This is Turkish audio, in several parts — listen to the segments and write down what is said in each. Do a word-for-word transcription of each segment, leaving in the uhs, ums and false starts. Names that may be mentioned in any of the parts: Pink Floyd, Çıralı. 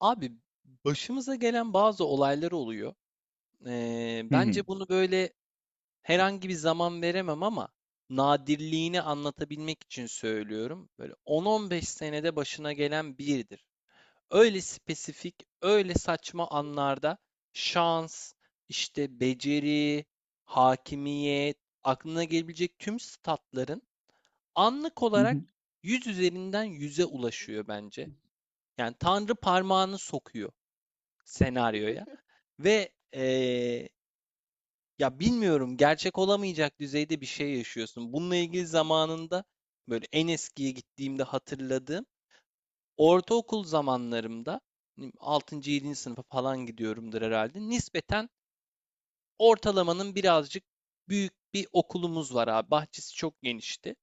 Abi başımıza gelen bazı olaylar oluyor. Ee, Hı hı. bence bunu böyle herhangi bir zaman veremem ama nadirliğini anlatabilmek için söylüyorum. Böyle on on beş senede başına gelen biridir. Öyle spesifik, öyle saçma anlarda şans, işte beceri, hakimiyet, aklına gelebilecek tüm statların anlık Hı hı. olarak yüz üzerinden yüze ulaşıyor bence. Yani Tanrı parmağını sokuyor senaryoya ve eee, ya bilmiyorum, gerçek olamayacak düzeyde bir şey yaşıyorsun. Bununla ilgili zamanında böyle en eskiye gittiğimde hatırladığım ortaokul zamanlarımda hani, altıncı, yedinci sınıfa falan gidiyorumdur herhalde. Nispeten ortalamanın birazcık büyük bir okulumuz var abi. Bahçesi çok genişti.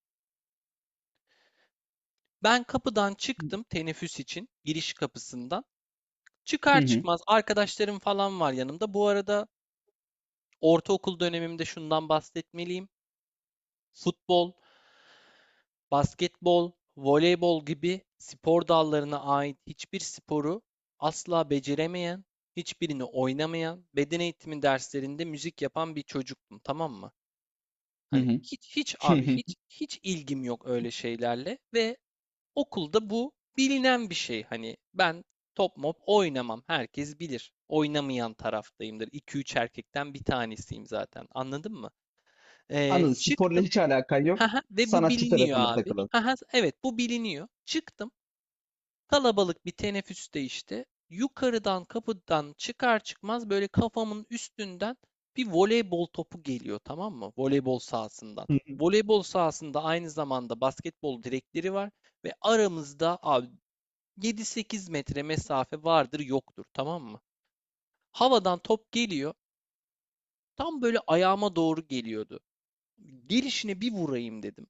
Ben kapıdan çıktım teneffüs için, giriş kapısından. Hı Çıkar hı. çıkmaz arkadaşlarım falan var yanımda. Bu arada ortaokul dönemimde şundan bahsetmeliyim. Futbol, basketbol, voleybol gibi spor dallarına ait hiçbir sporu asla beceremeyen, hiçbirini oynamayan, beden eğitimi derslerinde müzik yapan bir çocuktum, tamam mı? Hı Hani hı. hiç hiç Hı abi hı. hiç hiç ilgim yok öyle şeylerle ve okulda bu bilinen bir şey. Hani ben top mop oynamam. Herkes bilir. Oynamayan taraftayımdır. İki üç erkekten bir tanesiyim zaten. Anladın mı? Ee, Anladım. Sporla çıktım. hiç alakan yok. Hı. Ve bu Sanatçı biliniyor tarafında abi. takılalım. Hı, evet, bu biliniyor. Çıktım. Kalabalık bir teneffüste işte. Yukarıdan kapıdan çıkar çıkmaz böyle kafamın üstünden bir voleybol topu geliyor, tamam mı? Voleybol sahasından. Hı hı. Voleybol sahasında aynı zamanda basketbol direkleri var ve aramızda abi yedi sekiz metre mesafe vardır yoktur, tamam mı? Havadan top geliyor. Tam böyle ayağıma doğru geliyordu. Gelişine bir vurayım dedim.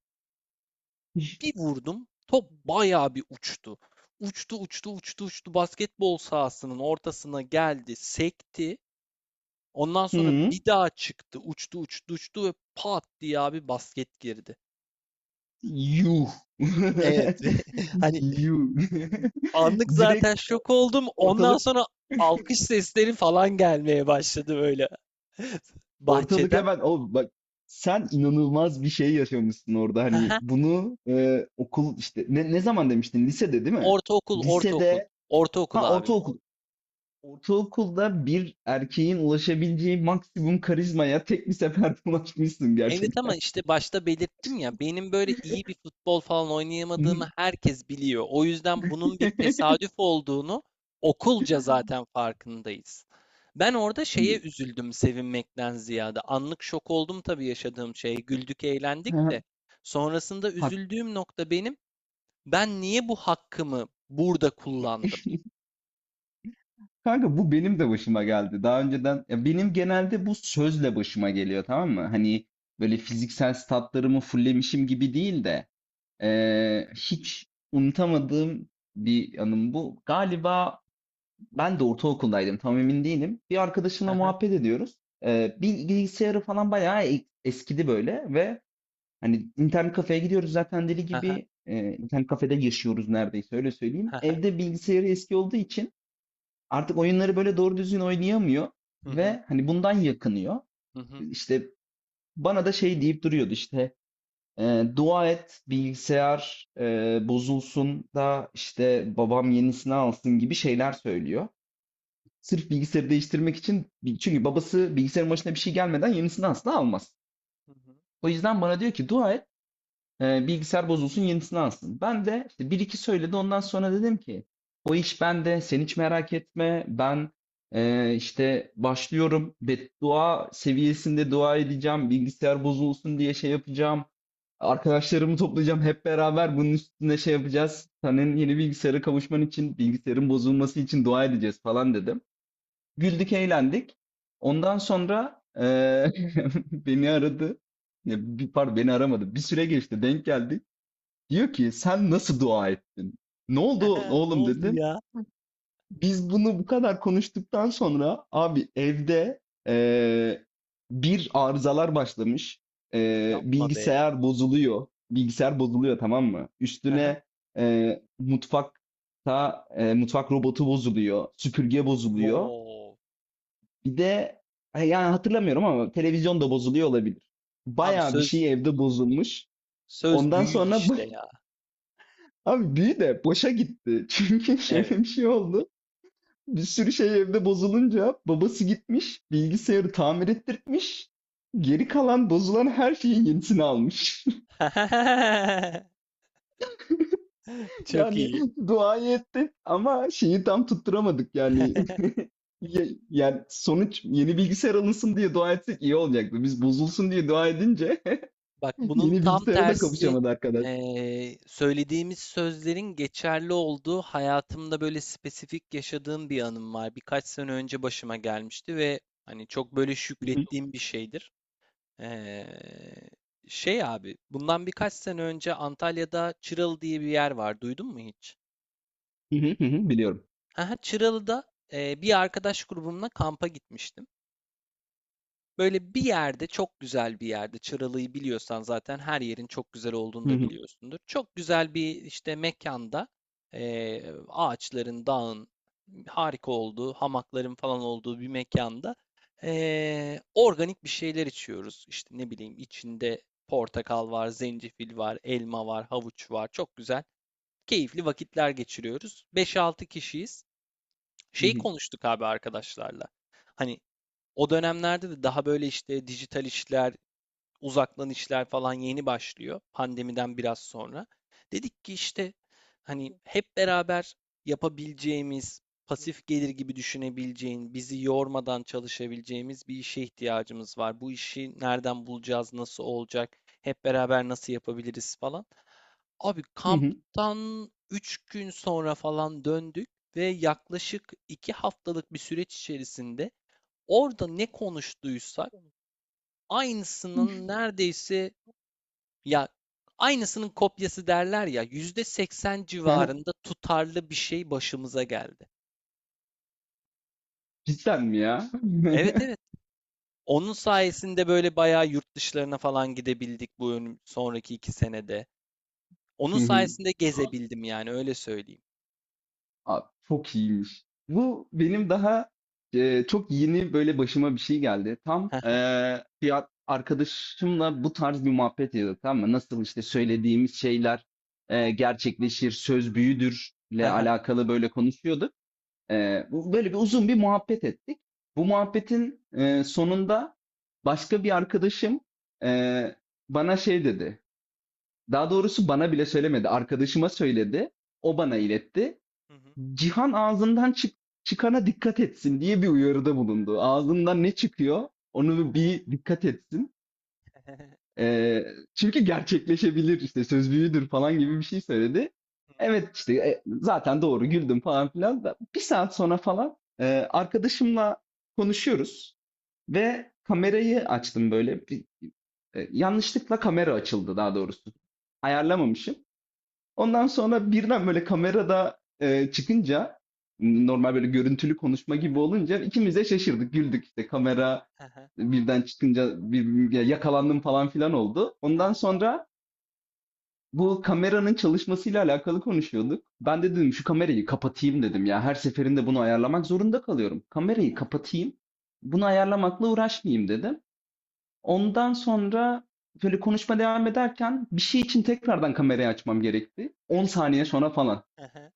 Bir vurdum, top bayağı bir uçtu. Uçtu, uçtu, uçtu, uçtu. Basketbol sahasının ortasına geldi, sekti. Ondan Hı sonra hı. bir daha çıktı, uçtu, uçtu, uçtu ve pat diye abi basket girdi. Yuh. Evet. Hani Yuh. anlık Direkt zaten o- şok oldum. Ondan ortalık sonra alkış sesleri falan gelmeye başladı böyle ortalık bahçeden. hemen o, bak sen inanılmaz bir şey yaşamışsın orada. Hı Hani hı. bunu e, okul, işte ne, ne zaman demiştin, lisede değil mi? Ortaokul, ortaokul. Lisede Ortaokul ha abi. ortaokul. Ortaokulda bir erkeğin ulaşabileceği maksimum karizmaya tek bir seferde ulaşmışsın Evet, ama gerçekten. işte başta belirttim ya, benim böyle iyi bir futbol falan oynayamadığımı herkes biliyor. O yüzden bunun bir tesadüf olduğunu okulca zaten farkındayız. Ben orada şeye üzüldüm, sevinmekten ziyade. Anlık şok oldum tabii yaşadığım şeye. Güldük, eğlendik Ha, de. Sonrasında hak- üzüldüğüm nokta benim. Ben niye bu hakkımı burada kullandım? Kanka, bu benim de başıma geldi. Daha önceden, ya benim genelde bu sözle başıma geliyor, tamam mı? Hani böyle fiziksel statlarımı fullemişim gibi değil de eee, hiç unutamadığım bir anım bu. Galiba ben de ortaokuldaydım, tam emin değilim. Bir arkadaşımla Hı hı, muhabbet ediyoruz. Ee, bil- bilgisayarı falan bayağı e- eskidi böyle ve hani internet kafeye gidiyoruz zaten, deli hı hı, gibi, e, internet kafede yaşıyoruz neredeyse, öyle söyleyeyim. hı Evde bilgisayarı eski olduğu için artık oyunları böyle doğru düzgün oynayamıyor hı, ve hani bundan yakınıyor. hı hı, hı hı, İşte bana da şey deyip duruyordu işte, e, dua et bilgisayar e, bozulsun da işte babam yenisini alsın, gibi şeyler söylüyor. Sırf bilgisayarı değiştirmek için, çünkü babası bilgisayarın başına bir şey gelmeden yenisini asla almaz. hı hı. O yüzden bana diyor ki, dua et e, bilgisayar bozulsun, yenisini alsın. Ben de işte bir iki söyledi, ondan sonra dedim ki o iş bende, sen hiç merak etme, ben e, işte başlıyorum, beddua seviyesinde dua edeceğim bilgisayar bozulsun diye, şey yapacağım. Arkadaşlarımı toplayacağım, hep beraber bunun üstüne şey yapacağız. Senin yeni bilgisayara kavuşman için, bilgisayarın bozulması için dua edeceğiz falan dedim. Güldük, Evet. eğlendik. Ondan sonra, eee, beni aradı. Ya, bir pardon, beni aramadı. Bir süre geçti, denk geldi. Diyor ki, "Sen nasıl dua ettin? Ne oldu Ne oğlum?" oldu dedim. ya? Biz bunu bu kadar konuştuktan sonra abi evde, eee, bir arızalar başlamış. Eee, Yapma be. bilgisayar bozuluyor. Bilgisayar bozuluyor, tamam mı? Hı hı. Üstüne, eee, mutfakta, eee, mutfak robotu bozuluyor, süpürge bozuluyor. Wow. Bir de ha, yani hatırlamıyorum ama televizyon da bozuluyor olabilir. Abi Bayağı bir söz şey evde bozulmuş. söz Ondan büyü sonra işte ba- ya. abi büyü de boşa gitti. Çünkü şöyle Evet. bir şey oldu. Bir sürü şey evde bozulunca babası gitmiş, bilgisayarı tamir ettirtmiş. Geri kalan bozulan her şeyin yenisini almış. Çok Yani iyi. duayı ettik ama şeyi tam tutturamadık yani. Ye- Yani sonuç, yeni bilgisayar alınsın diye dua etsek iyi olacaktı. Biz bozulsun diye dua edince Bak, bunun yeni tam bilgisayara da tersi kavuşamadı arkadaş. eee, söylediğimiz sözlerin geçerli olduğu hayatımda böyle spesifik yaşadığım bir anım var. Birkaç sene önce başıma gelmişti ve hani çok böyle Hı hı, şükrettiğim bir şeydir. Eee, şey abi, bundan birkaç sene önce Antalya'da Çıralı diye bir yer var. Duydun mu hiç? hı hı, hı hı, biliyorum. Aha, Çıralı'da eee, bir arkadaş grubumla kampa gitmiştim. Böyle bir yerde, çok güzel bir yerde, Çıralı'yı biliyorsan zaten her yerin çok güzel olduğunu Hı da hı, biliyorsundur. Çok güzel bir işte mekanda, eee, ağaçların, dağın harika olduğu, hamakların falan olduğu bir mekanda eee, organik bir şeyler içiyoruz. İşte ne bileyim, içinde portakal var, zencefil var, elma var, havuç var. Çok güzel, keyifli vakitler geçiriyoruz. beş altı kişiyiz. hı Şeyi hı, konuştuk abi arkadaşlarla. Hani o dönemlerde de daha böyle işte dijital işler, uzaktan işler falan yeni başlıyor, pandemiden biraz sonra. Dedik ki işte hani hep beraber yapabileceğimiz, pasif gelir gibi düşünebileceğin, bizi yormadan çalışabileceğimiz bir işe ihtiyacımız var. Bu işi nereden bulacağız, nasıl olacak, hep beraber nasıl yapabiliriz falan. Abi hı hı. kamptan üç gün sonra falan döndük ve yaklaşık iki haftalık bir süreç içerisinde orada ne konuştuysak aynısının neredeyse, ya, aynısının kopyası derler ya, yüzde seksen civarında tutarlı bir şey başımıza geldi. Cidden mi ya? Evet, evet. Onun sayesinde böyle bayağı yurt dışlarına falan gidebildik bu önüm- sonraki iki senede. Hı Onun hı. sayesinde gezebildim, yani öyle söyleyeyim. Abi, çok iyiymiş. Bu benim daha e, çok yeni böyle başıma bir şey geldi. Tam e, bir ar- arkadaşımla bu tarz bir muhabbet ediyorduk, tamam mı? Nasıl işte söylediğimiz şeyler e, gerçekleşir, söz büyüdürle alakalı böyle konuşuyorduk. Ee, bu böyle bir uzun bir muhabbet ettik. Bu muhabbetin e, sonunda başka bir arkadaşım e, bana şey dedi. Daha doğrusu bana bile söylemedi, arkadaşıma söyledi. O bana iletti. Cihan ağzından çık çıkana dikkat etsin diye bir uyarıda bulundu. Ağzından ne çıkıyor, onu bir dikkat etsin. Eee, çünkü gerçekleşebilir, işte söz büyüdür falan gibi bir şey söyledi. Evet işte, e, zaten doğru, güldüm falan filan. Da. Bir saat sonra falan e, arkadaşımla konuşuyoruz ve kamerayı açtım böyle. Bir, e, yanlışlıkla kamera açıldı daha doğrusu. Ayarlamamışım. Ondan sonra birden böyle kamerada e, çıkınca, normal böyle görüntülü konuşma gibi olunca, ikimiz de şaşırdık, güldük. İşte kamera birden çıkınca bir, ya yakalandım falan filan oldu. Ondan sonra bu kameranın çalışmasıyla alakalı konuşuyorduk. Ben de dedim şu kamerayı kapatayım dedim ya. Her seferinde bunu ayarlamak zorunda kalıyorum. Kamerayı kapatayım, bunu ayarlamakla uğraşmayayım dedim. Ondan sonra böyle konuşma devam ederken bir şey için tekrardan kamerayı açmam gerekti. on saniye sonra falan.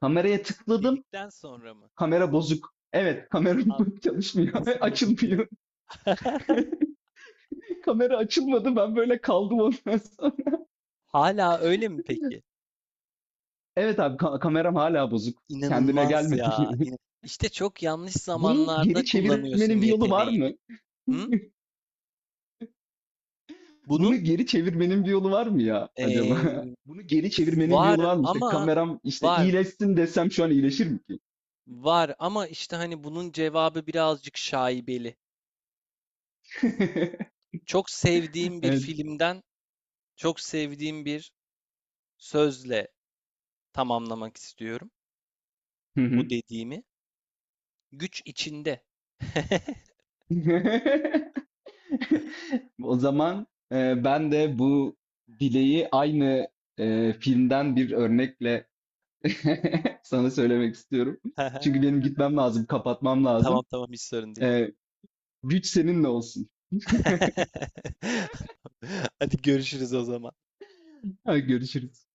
Kameraya tıkladım. Dedikten sonra mı? Kamera bozuk. Evet, kamera Abi çalışmıyor. nasıl bozuk ya? Açılmıyor. Kamera açılmadı. Ben böyle kaldım ondan sonra. Hala öyle mi peki? Evet abi, ka- kameram hala bozuk. Kendine İnanılmaz ya. gelmedi. İna- İşte çok yanlış Bunu zamanlarda geri kullanıyorsun çevirmenin bir yolu var mı? yeteneğini. Hı? Bunu Bunu geri çevirmenin bir yolu var mı ya acaba? ee, Bunu geri çevirmenin bir var yolu var mı? İşte ama kameram işte var iyileşsin desem şu an iyileşir mi ki? var ama işte hani bunun cevabı birazcık şaibeli. Çok sevdiğim bir Evet. filmden, çok sevdiğim bir sözle tamamlamak istiyorum Hı bu hı. dediğimi. Güç içinde. O zaman e, ben de bu dileği aynı e, filmden bir örnekle sana söylemek istiyorum. Çünkü benim gitmem lazım, kapatmam Tamam, lazım. tamam, hiç sorun değil. E, güç seninle olsun. Hadi görüşürüz o zaman. Görüşürüz.